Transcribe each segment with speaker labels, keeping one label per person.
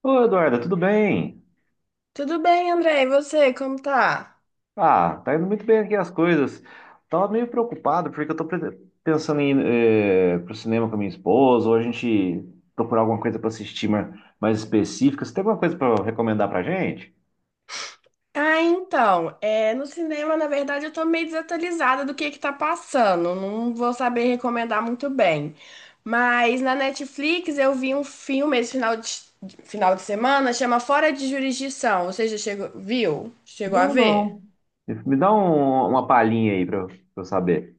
Speaker 1: Ô, Eduarda, tudo bem?
Speaker 2: Tudo bem, André? E você, como tá?
Speaker 1: Ah, tá indo muito bem aqui as coisas. Tava meio preocupado porque pensando em ir pro cinema com a minha esposa, ou a gente procurar alguma coisa pra assistir mais específica. Você tem alguma coisa pra recomendar pra gente?
Speaker 2: Ah, então, é, no cinema, na verdade, eu tô meio desatualizada do que tá passando. Não vou saber recomendar muito bem. Mas na Netflix eu vi um filme esse final de semana, chama Fora de Jurisdição. Você já chegou, viu? Chegou a
Speaker 1: Não,
Speaker 2: ver?
Speaker 1: não. Me dá uma palhinha aí pra eu saber.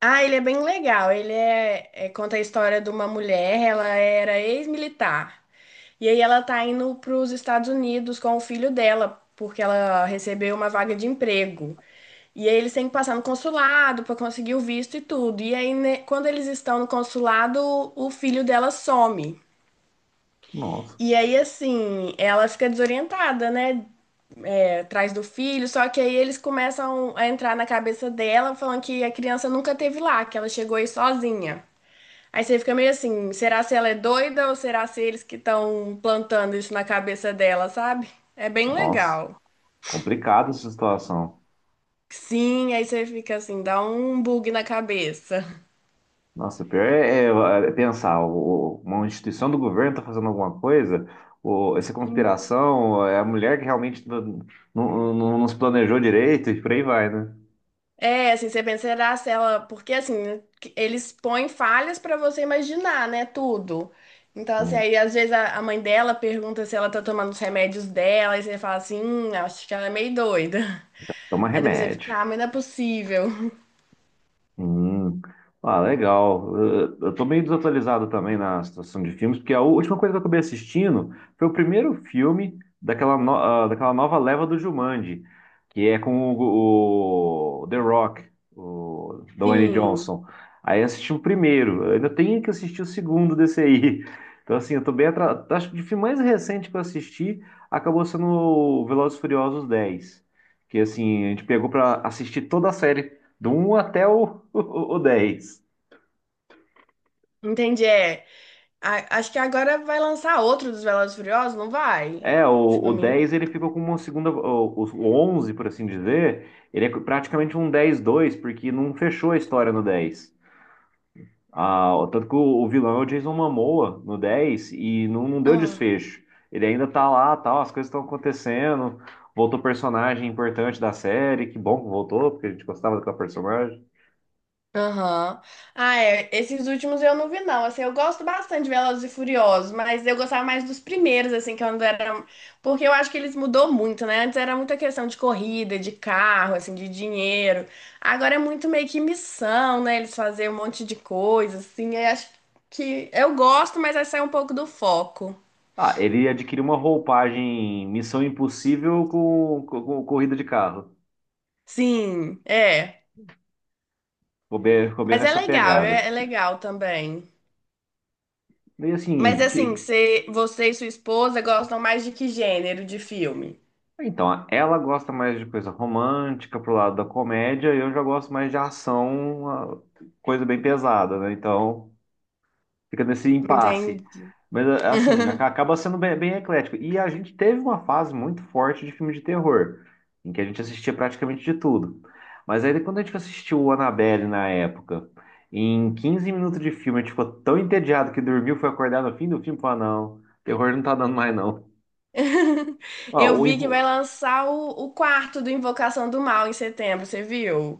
Speaker 2: Ah, ele é bem legal. Ele conta a história de uma mulher, ela era ex-militar. E aí ela tá indo para os Estados Unidos com o filho dela, porque ela recebeu uma vaga de emprego. E aí eles têm que passar no consulado para conseguir o visto e tudo. E aí, né, quando eles estão no consulado, o filho dela some.
Speaker 1: Nossa,
Speaker 2: E aí, assim, ela fica desorientada, né? É, atrás do filho. Só que aí eles começam a entrar na cabeça dela, falando que a criança nunca teve lá, que ela chegou aí sozinha. Aí você fica meio assim, será se ela é doida ou será se eles que estão plantando isso na cabeça dela, sabe? É bem
Speaker 1: nossa,
Speaker 2: legal.
Speaker 1: complicada essa situação.
Speaker 2: Sim, aí você fica assim, dá um bug na cabeça.
Speaker 1: Nossa, o pior é pensar, uma instituição do governo está fazendo alguma coisa, essa conspiração, é a mulher que realmente não se planejou direito e por aí vai, né?
Speaker 2: É, assim, você pensa, será se ela. Porque assim, eles põem falhas pra você imaginar, né? Tudo. Então, assim,
Speaker 1: Hum,
Speaker 2: aí às vezes a mãe dela pergunta se ela tá tomando os remédios dela, e você fala assim, acho que ela é meio doida.
Speaker 1: toma
Speaker 2: Aí depois você
Speaker 1: remédio.
Speaker 2: fica, ah, mas não é possível.
Speaker 1: Hum. Ah, legal. Eu tô meio desatualizado também na situação de filmes, porque a última coisa que eu acabei assistindo foi o primeiro filme daquela, daquela nova leva do Jumanji, que é com o The Rock, o Dwayne
Speaker 2: Sim,
Speaker 1: Johnson. Aí eu assisti o primeiro, eu ainda tenho que assistir o segundo desse aí. Então, assim, eu tô bem atrasado. Acho que o filme mais recente que eu assisti acabou sendo o Velozes e Furiosos dez. Que assim, a gente pegou pra assistir toda a série do um até o...
Speaker 2: entendi. É. A- acho que agora vai lançar outro dos Velozes e Furiosos, não vai?
Speaker 1: É,
Speaker 2: Se
Speaker 1: o
Speaker 2: não me... engano.
Speaker 1: 10 ele fica com uma segunda. O 11, por assim dizer, ele é praticamente um dez dois porque não fechou a história no dez. Ah, tanto que o vilão é o Jason Momoa no 10 e não deu
Speaker 2: Ah,
Speaker 1: desfecho. Ele ainda tá lá, tal, as coisas estão acontecendo. Voltou personagem importante da série, que bom que voltou, porque a gente gostava daquela personagem.
Speaker 2: aham. Ah, é. Esses últimos eu não vi, não. Assim, eu gosto bastante de Velozes e Furiosos, mas eu gostava mais dos primeiros, assim, que quando era... um, porque eu acho que eles mudou muito, né? Antes era muita questão de corrida, de carro, assim, de dinheiro. Agora é muito meio que missão, né? Eles fazerem um monte de coisa, assim. Eu acho que... eu gosto, mas aí sai um pouco do foco.
Speaker 1: Ah, ele adquiriu uma roupagem Missão Impossível com corrida de carro.
Speaker 2: Sim, é.
Speaker 1: Ficou bem
Speaker 2: Mas é
Speaker 1: nessa
Speaker 2: legal,
Speaker 1: pegada.
Speaker 2: é legal também.
Speaker 1: E
Speaker 2: Mas
Speaker 1: assim,
Speaker 2: assim,
Speaker 1: fi-
Speaker 2: você e sua esposa gostam mais de que gênero de filme?
Speaker 1: então, ela gosta mais de coisa romântica pro lado da comédia, e eu já gosto mais de ação, uma coisa bem pesada, né? Então, fica nesse impasse.
Speaker 2: Entendi.
Speaker 1: Assim, acaba sendo bem, bem eclético. E a gente teve uma fase muito forte de filme de terror, em que a gente assistia praticamente de tudo. Mas aí quando a gente assistiu o Annabelle na época, em 15 minutos de filme, a gente ficou tão entediado que dormiu, foi acordado no fim do filme e falou, "Ah, não. Terror não tá dando mais, não. Ó,
Speaker 2: Eu
Speaker 1: o
Speaker 2: vi que vai
Speaker 1: Invo-
Speaker 2: lançar o quarto do Invocação do Mal em setembro, você viu?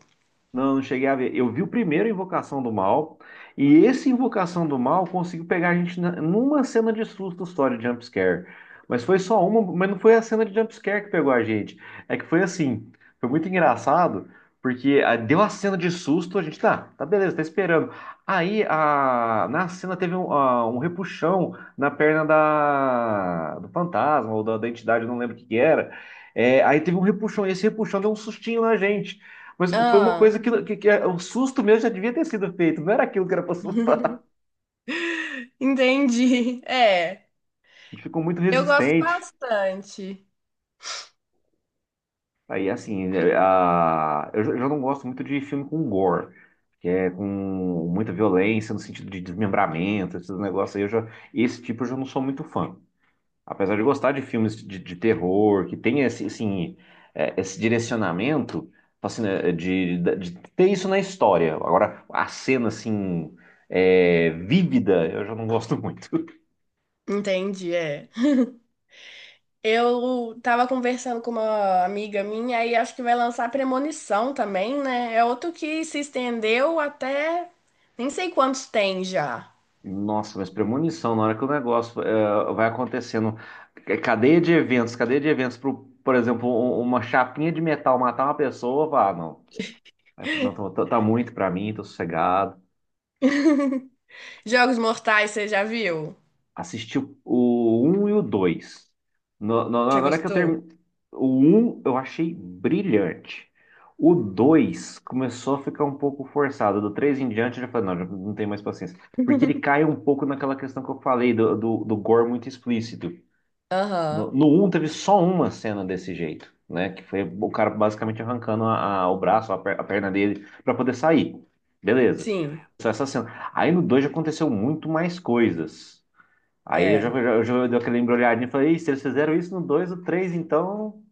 Speaker 1: Não, não cheguei a ver. Eu vi o primeiro Invocação do Mal, e esse Invocação do Mal conseguiu pegar a gente numa cena de susto só de jumpscare. Mas foi só uma, mas não foi a cena de jumpscare que pegou a gente. É que foi assim, foi muito engraçado, porque deu a cena de susto, a gente tá beleza, tá esperando. Na cena teve um repuxão na perna do fantasma ou da entidade, eu não lembro o que que era. É, aí teve um repuxão, e esse repuxão deu um sustinho na gente. Mas foi uma coisa
Speaker 2: Ah,
Speaker 1: que o susto mesmo já devia ter sido feito, não era aquilo que era para assustar.
Speaker 2: entendi. É,
Speaker 1: A gente ficou muito
Speaker 2: eu gosto
Speaker 1: resistente.
Speaker 2: bastante.
Speaker 1: Aí, assim, é, eu já não gosto muito de filme com gore, que é com muita violência no sentido de desmembramento, esses negócios aí. Eu já, esse tipo eu já não sou muito fã. Apesar de eu gostar de filmes de terror, que tem esse, assim, é, esse direcionamento, assim, né, de ter isso na história. Agora, a cena, assim, é, vívida, eu já não gosto muito.
Speaker 2: Entendi, é. Eu tava conversando com uma amiga minha aí acho que vai lançar Premonição também, né? É outro que se estendeu até nem sei quantos tem já.
Speaker 1: Nossa, mas premonição, na hora que o negócio é, vai acontecendo, é, cadeia de eventos, pro, por exemplo, uma chapinha de metal matar uma pessoa, vá, não. Aí eu falei, não, tá, tá muito pra mim, tô sossegado.
Speaker 2: Jogos Mortais, você já viu?
Speaker 1: Assisti o 1 e o 2. Na
Speaker 2: Você
Speaker 1: hora que eu
Speaker 2: gostou?
Speaker 1: terminei, o um, eu achei brilhante. O 2 começou a ficar um pouco forçado. Do 3 em diante eu já falei, não, já não tenho mais paciência. Porque ele cai um pouco naquela questão que eu falei do gore muito explícito.
Speaker 2: Aham.
Speaker 1: No 1 teve só uma cena desse jeito, né? Que foi o cara basicamente arrancando o braço, a perna dele, pra poder sair. Beleza.
Speaker 2: Sim,
Speaker 1: Só essa cena. Aí no 2 já aconteceu muito mais coisas. Aí
Speaker 2: é.
Speaker 1: eu já dei aquela embrulhadinha e falei, "Ih, se eles fizeram isso no 2, o 3, então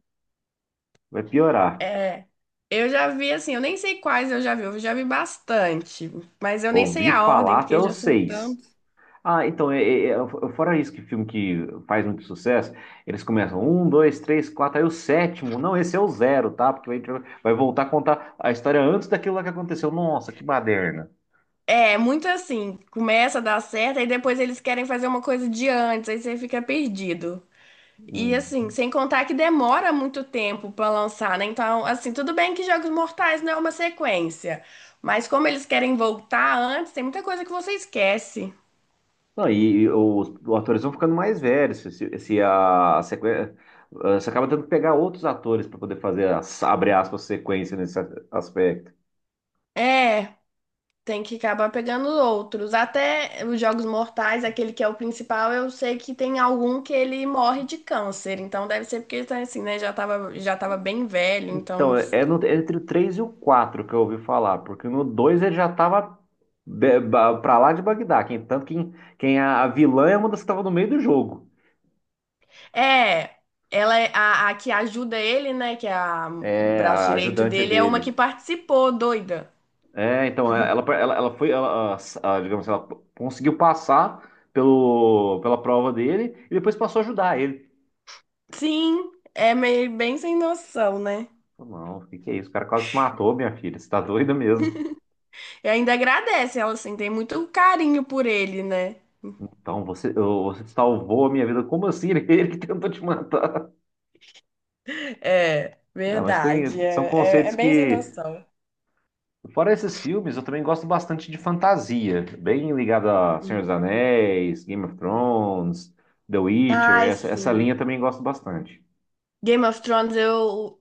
Speaker 1: vai piorar.
Speaker 2: É. Eu já vi, assim, eu nem sei quais eu já vi bastante, mas eu nem sei
Speaker 1: Ouvi
Speaker 2: a ordem,
Speaker 1: falar até
Speaker 2: porque
Speaker 1: o
Speaker 2: já são
Speaker 1: 6.
Speaker 2: tantos.
Speaker 1: Ah, então, fora isso que filme que faz muito sucesso, eles começam um, dois, três, quatro, aí o sétimo. Não, esse é o zero, tá? Porque a gente vai voltar a contar a história antes daquilo lá que aconteceu. Nossa, que baderna.
Speaker 2: É, muito assim, começa a dar certo, aí depois eles querem fazer uma coisa de antes, aí você fica perdido. E
Speaker 1: Hum.
Speaker 2: assim, sem contar que demora muito tempo pra lançar, né? Então, assim, tudo bem que Jogos Mortais não é uma sequência, mas como eles querem voltar antes, tem muita coisa que você esquece.
Speaker 1: Não, e os atores vão ficando mais velhos. Se a sequência. Você acaba tendo que pegar outros atores para poder fazer, a, abre aspas, sequência nesse aspecto.
Speaker 2: É, tem que acabar pegando outros. Até os Jogos Mortais, aquele que é o principal, eu sei que tem algum que ele morre de câncer. Então deve ser porque ele tá assim, né? Já tava bem velho,
Speaker 1: Então,
Speaker 2: então.
Speaker 1: é, é entre o 3 e o 4 que eu ouvi falar, porque no 2 ele já tava pra lá de Bagdá, quem, tanto que quem a vilã é uma das que tava no meio do jogo,
Speaker 2: É, ela é a que ajuda ele, né? Que é a, o
Speaker 1: é
Speaker 2: braço
Speaker 1: a
Speaker 2: direito
Speaker 1: ajudante
Speaker 2: dele, é uma
Speaker 1: dele.
Speaker 2: que participou, doida.
Speaker 1: É, então, é, ela foi, digamos assim, ela conseguiu passar pela prova dele e depois passou a ajudar ele.
Speaker 2: Sim, é meio bem sem noção, né?
Speaker 1: Falei, não, o que que é isso? O cara quase te matou, minha filha, você tá doida mesmo.
Speaker 2: E ainda agradece, ela assim, tem muito carinho por ele, né?
Speaker 1: Então, você salvou a minha vida, como assim? Ele que tentou te matar.
Speaker 2: É,
Speaker 1: É, mas
Speaker 2: verdade.
Speaker 1: tem, são
Speaker 2: É
Speaker 1: conceitos
Speaker 2: bem sem
Speaker 1: que...
Speaker 2: noção.
Speaker 1: Fora esses filmes, eu também gosto bastante de fantasia, bem ligado a Senhor dos Anéis, Game of Thrones, The Witcher,
Speaker 2: Ai,
Speaker 1: essa
Speaker 2: sim.
Speaker 1: linha eu também gosto bastante.
Speaker 2: Game of Thrones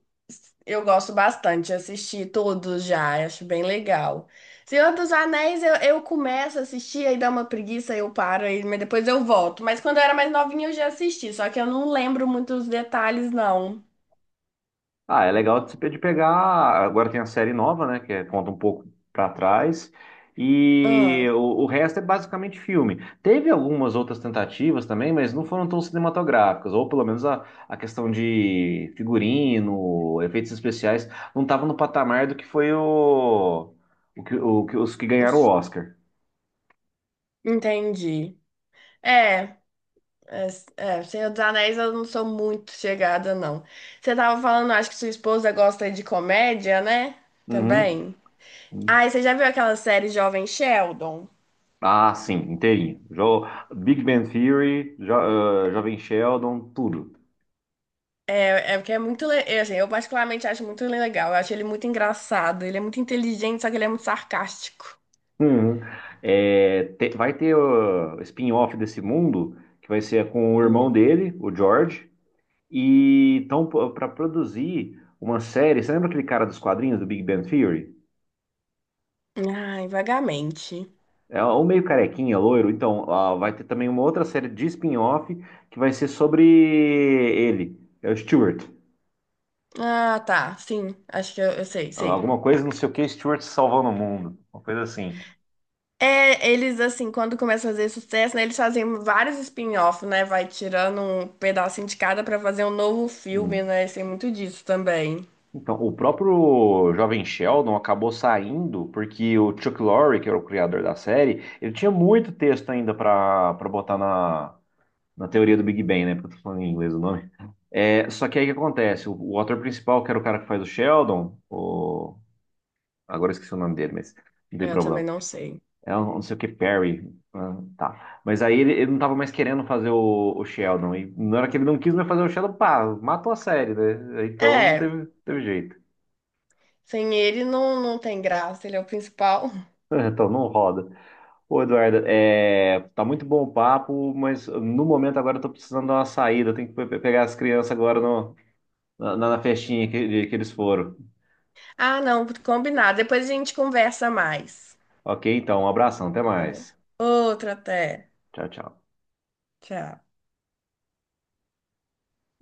Speaker 2: eu gosto bastante, assisti todos já, acho bem legal. Senhor dos Anéis, eu começo a assistir, aí dá uma preguiça, eu paro, aí, mas depois eu volto. Mas quando eu era mais novinha eu já assisti, só que eu não lembro muito os detalhes, não.
Speaker 1: Ah, é legal de de pegar. Agora tem a série nova, né? Conta um pouco pra trás. E
Speaker 2: Ah,
Speaker 1: o resto é basicamente filme. Teve algumas outras tentativas também, mas não foram tão cinematográficas. Ou pelo menos a questão de figurino, efeitos especiais, não estava no patamar do que foi os que ganharam o
Speaker 2: os-
Speaker 1: Oscar.
Speaker 2: entendi. É, é, Senhor dos Anéis eu não sou muito chegada, não. Você tava falando, acho que sua esposa gosta de comédia, né?
Speaker 1: Uhum.
Speaker 2: Também. Ai, você já viu aquela série Jovem Sheldon?
Speaker 1: Ah, sim, inteirinho. Big Bang Theory, Jovem Sheldon, tudo.
Speaker 2: É, é porque é muito. Le- eu, assim, eu particularmente acho muito legal. Eu acho ele muito engraçado. Ele é muito inteligente, só que ele é muito sarcástico.
Speaker 1: Uhum. É, vai ter o spin-off desse mundo, que vai ser com o
Speaker 2: Hum.
Speaker 1: irmão dele, o George, e então para produzir uma série. Você lembra aquele cara dos quadrinhos do Big Bang Theory?
Speaker 2: Ai, vagamente.
Speaker 1: É um meio carequinha, loiro. Então, ah, vai ter também uma outra série de spin-off que vai ser sobre ele, é o Stewart.
Speaker 2: Ah, tá. Sim, acho que eu sei, sei.
Speaker 1: Alguma coisa, não sei o que, Stewart salvando o mundo. Uma coisa assim.
Speaker 2: É, eles, assim, quando começam a fazer sucesso, né, eles fazem vários spin-off, né? Vai tirando um pedacinho de cada pra fazer um novo filme, né? Tem muito disso também.
Speaker 1: Então, o próprio Jovem Sheldon acabou saindo porque o Chuck Lorre, que era o criador da série, ele tinha muito texto ainda para botar na, na teoria do Big Bang, né? Porque eu tô falando em inglês o nome. É, só que aí o que acontece? O ator principal, que era o cara que faz o Sheldon, o, agora eu esqueci o nome dele, mas não tem
Speaker 2: Eu também
Speaker 1: problema.
Speaker 2: não sei.
Speaker 1: É um, não sei o que, Perry. Ah, tá. Mas aí ele não tava mais querendo fazer o Sheldon. E na hora que ele não quis mais fazer o Sheldon, pá, matou a série, né? Então não
Speaker 2: É,
Speaker 1: teve, teve jeito.
Speaker 2: sem ele não, não tem graça, ele é o principal.
Speaker 1: Então não roda. Pô, Eduardo, é, tá muito bom o papo, mas no momento agora eu tô precisando dar uma saída. Eu tenho que pegar as crianças agora na, na festinha que eles foram.
Speaker 2: Ah, não, combinado. Depois a gente conversa mais.
Speaker 1: Ok, então, um abração, até
Speaker 2: Tá bom?
Speaker 1: mais.
Speaker 2: Outra até.
Speaker 1: Tchau, tchau.
Speaker 2: Tchau.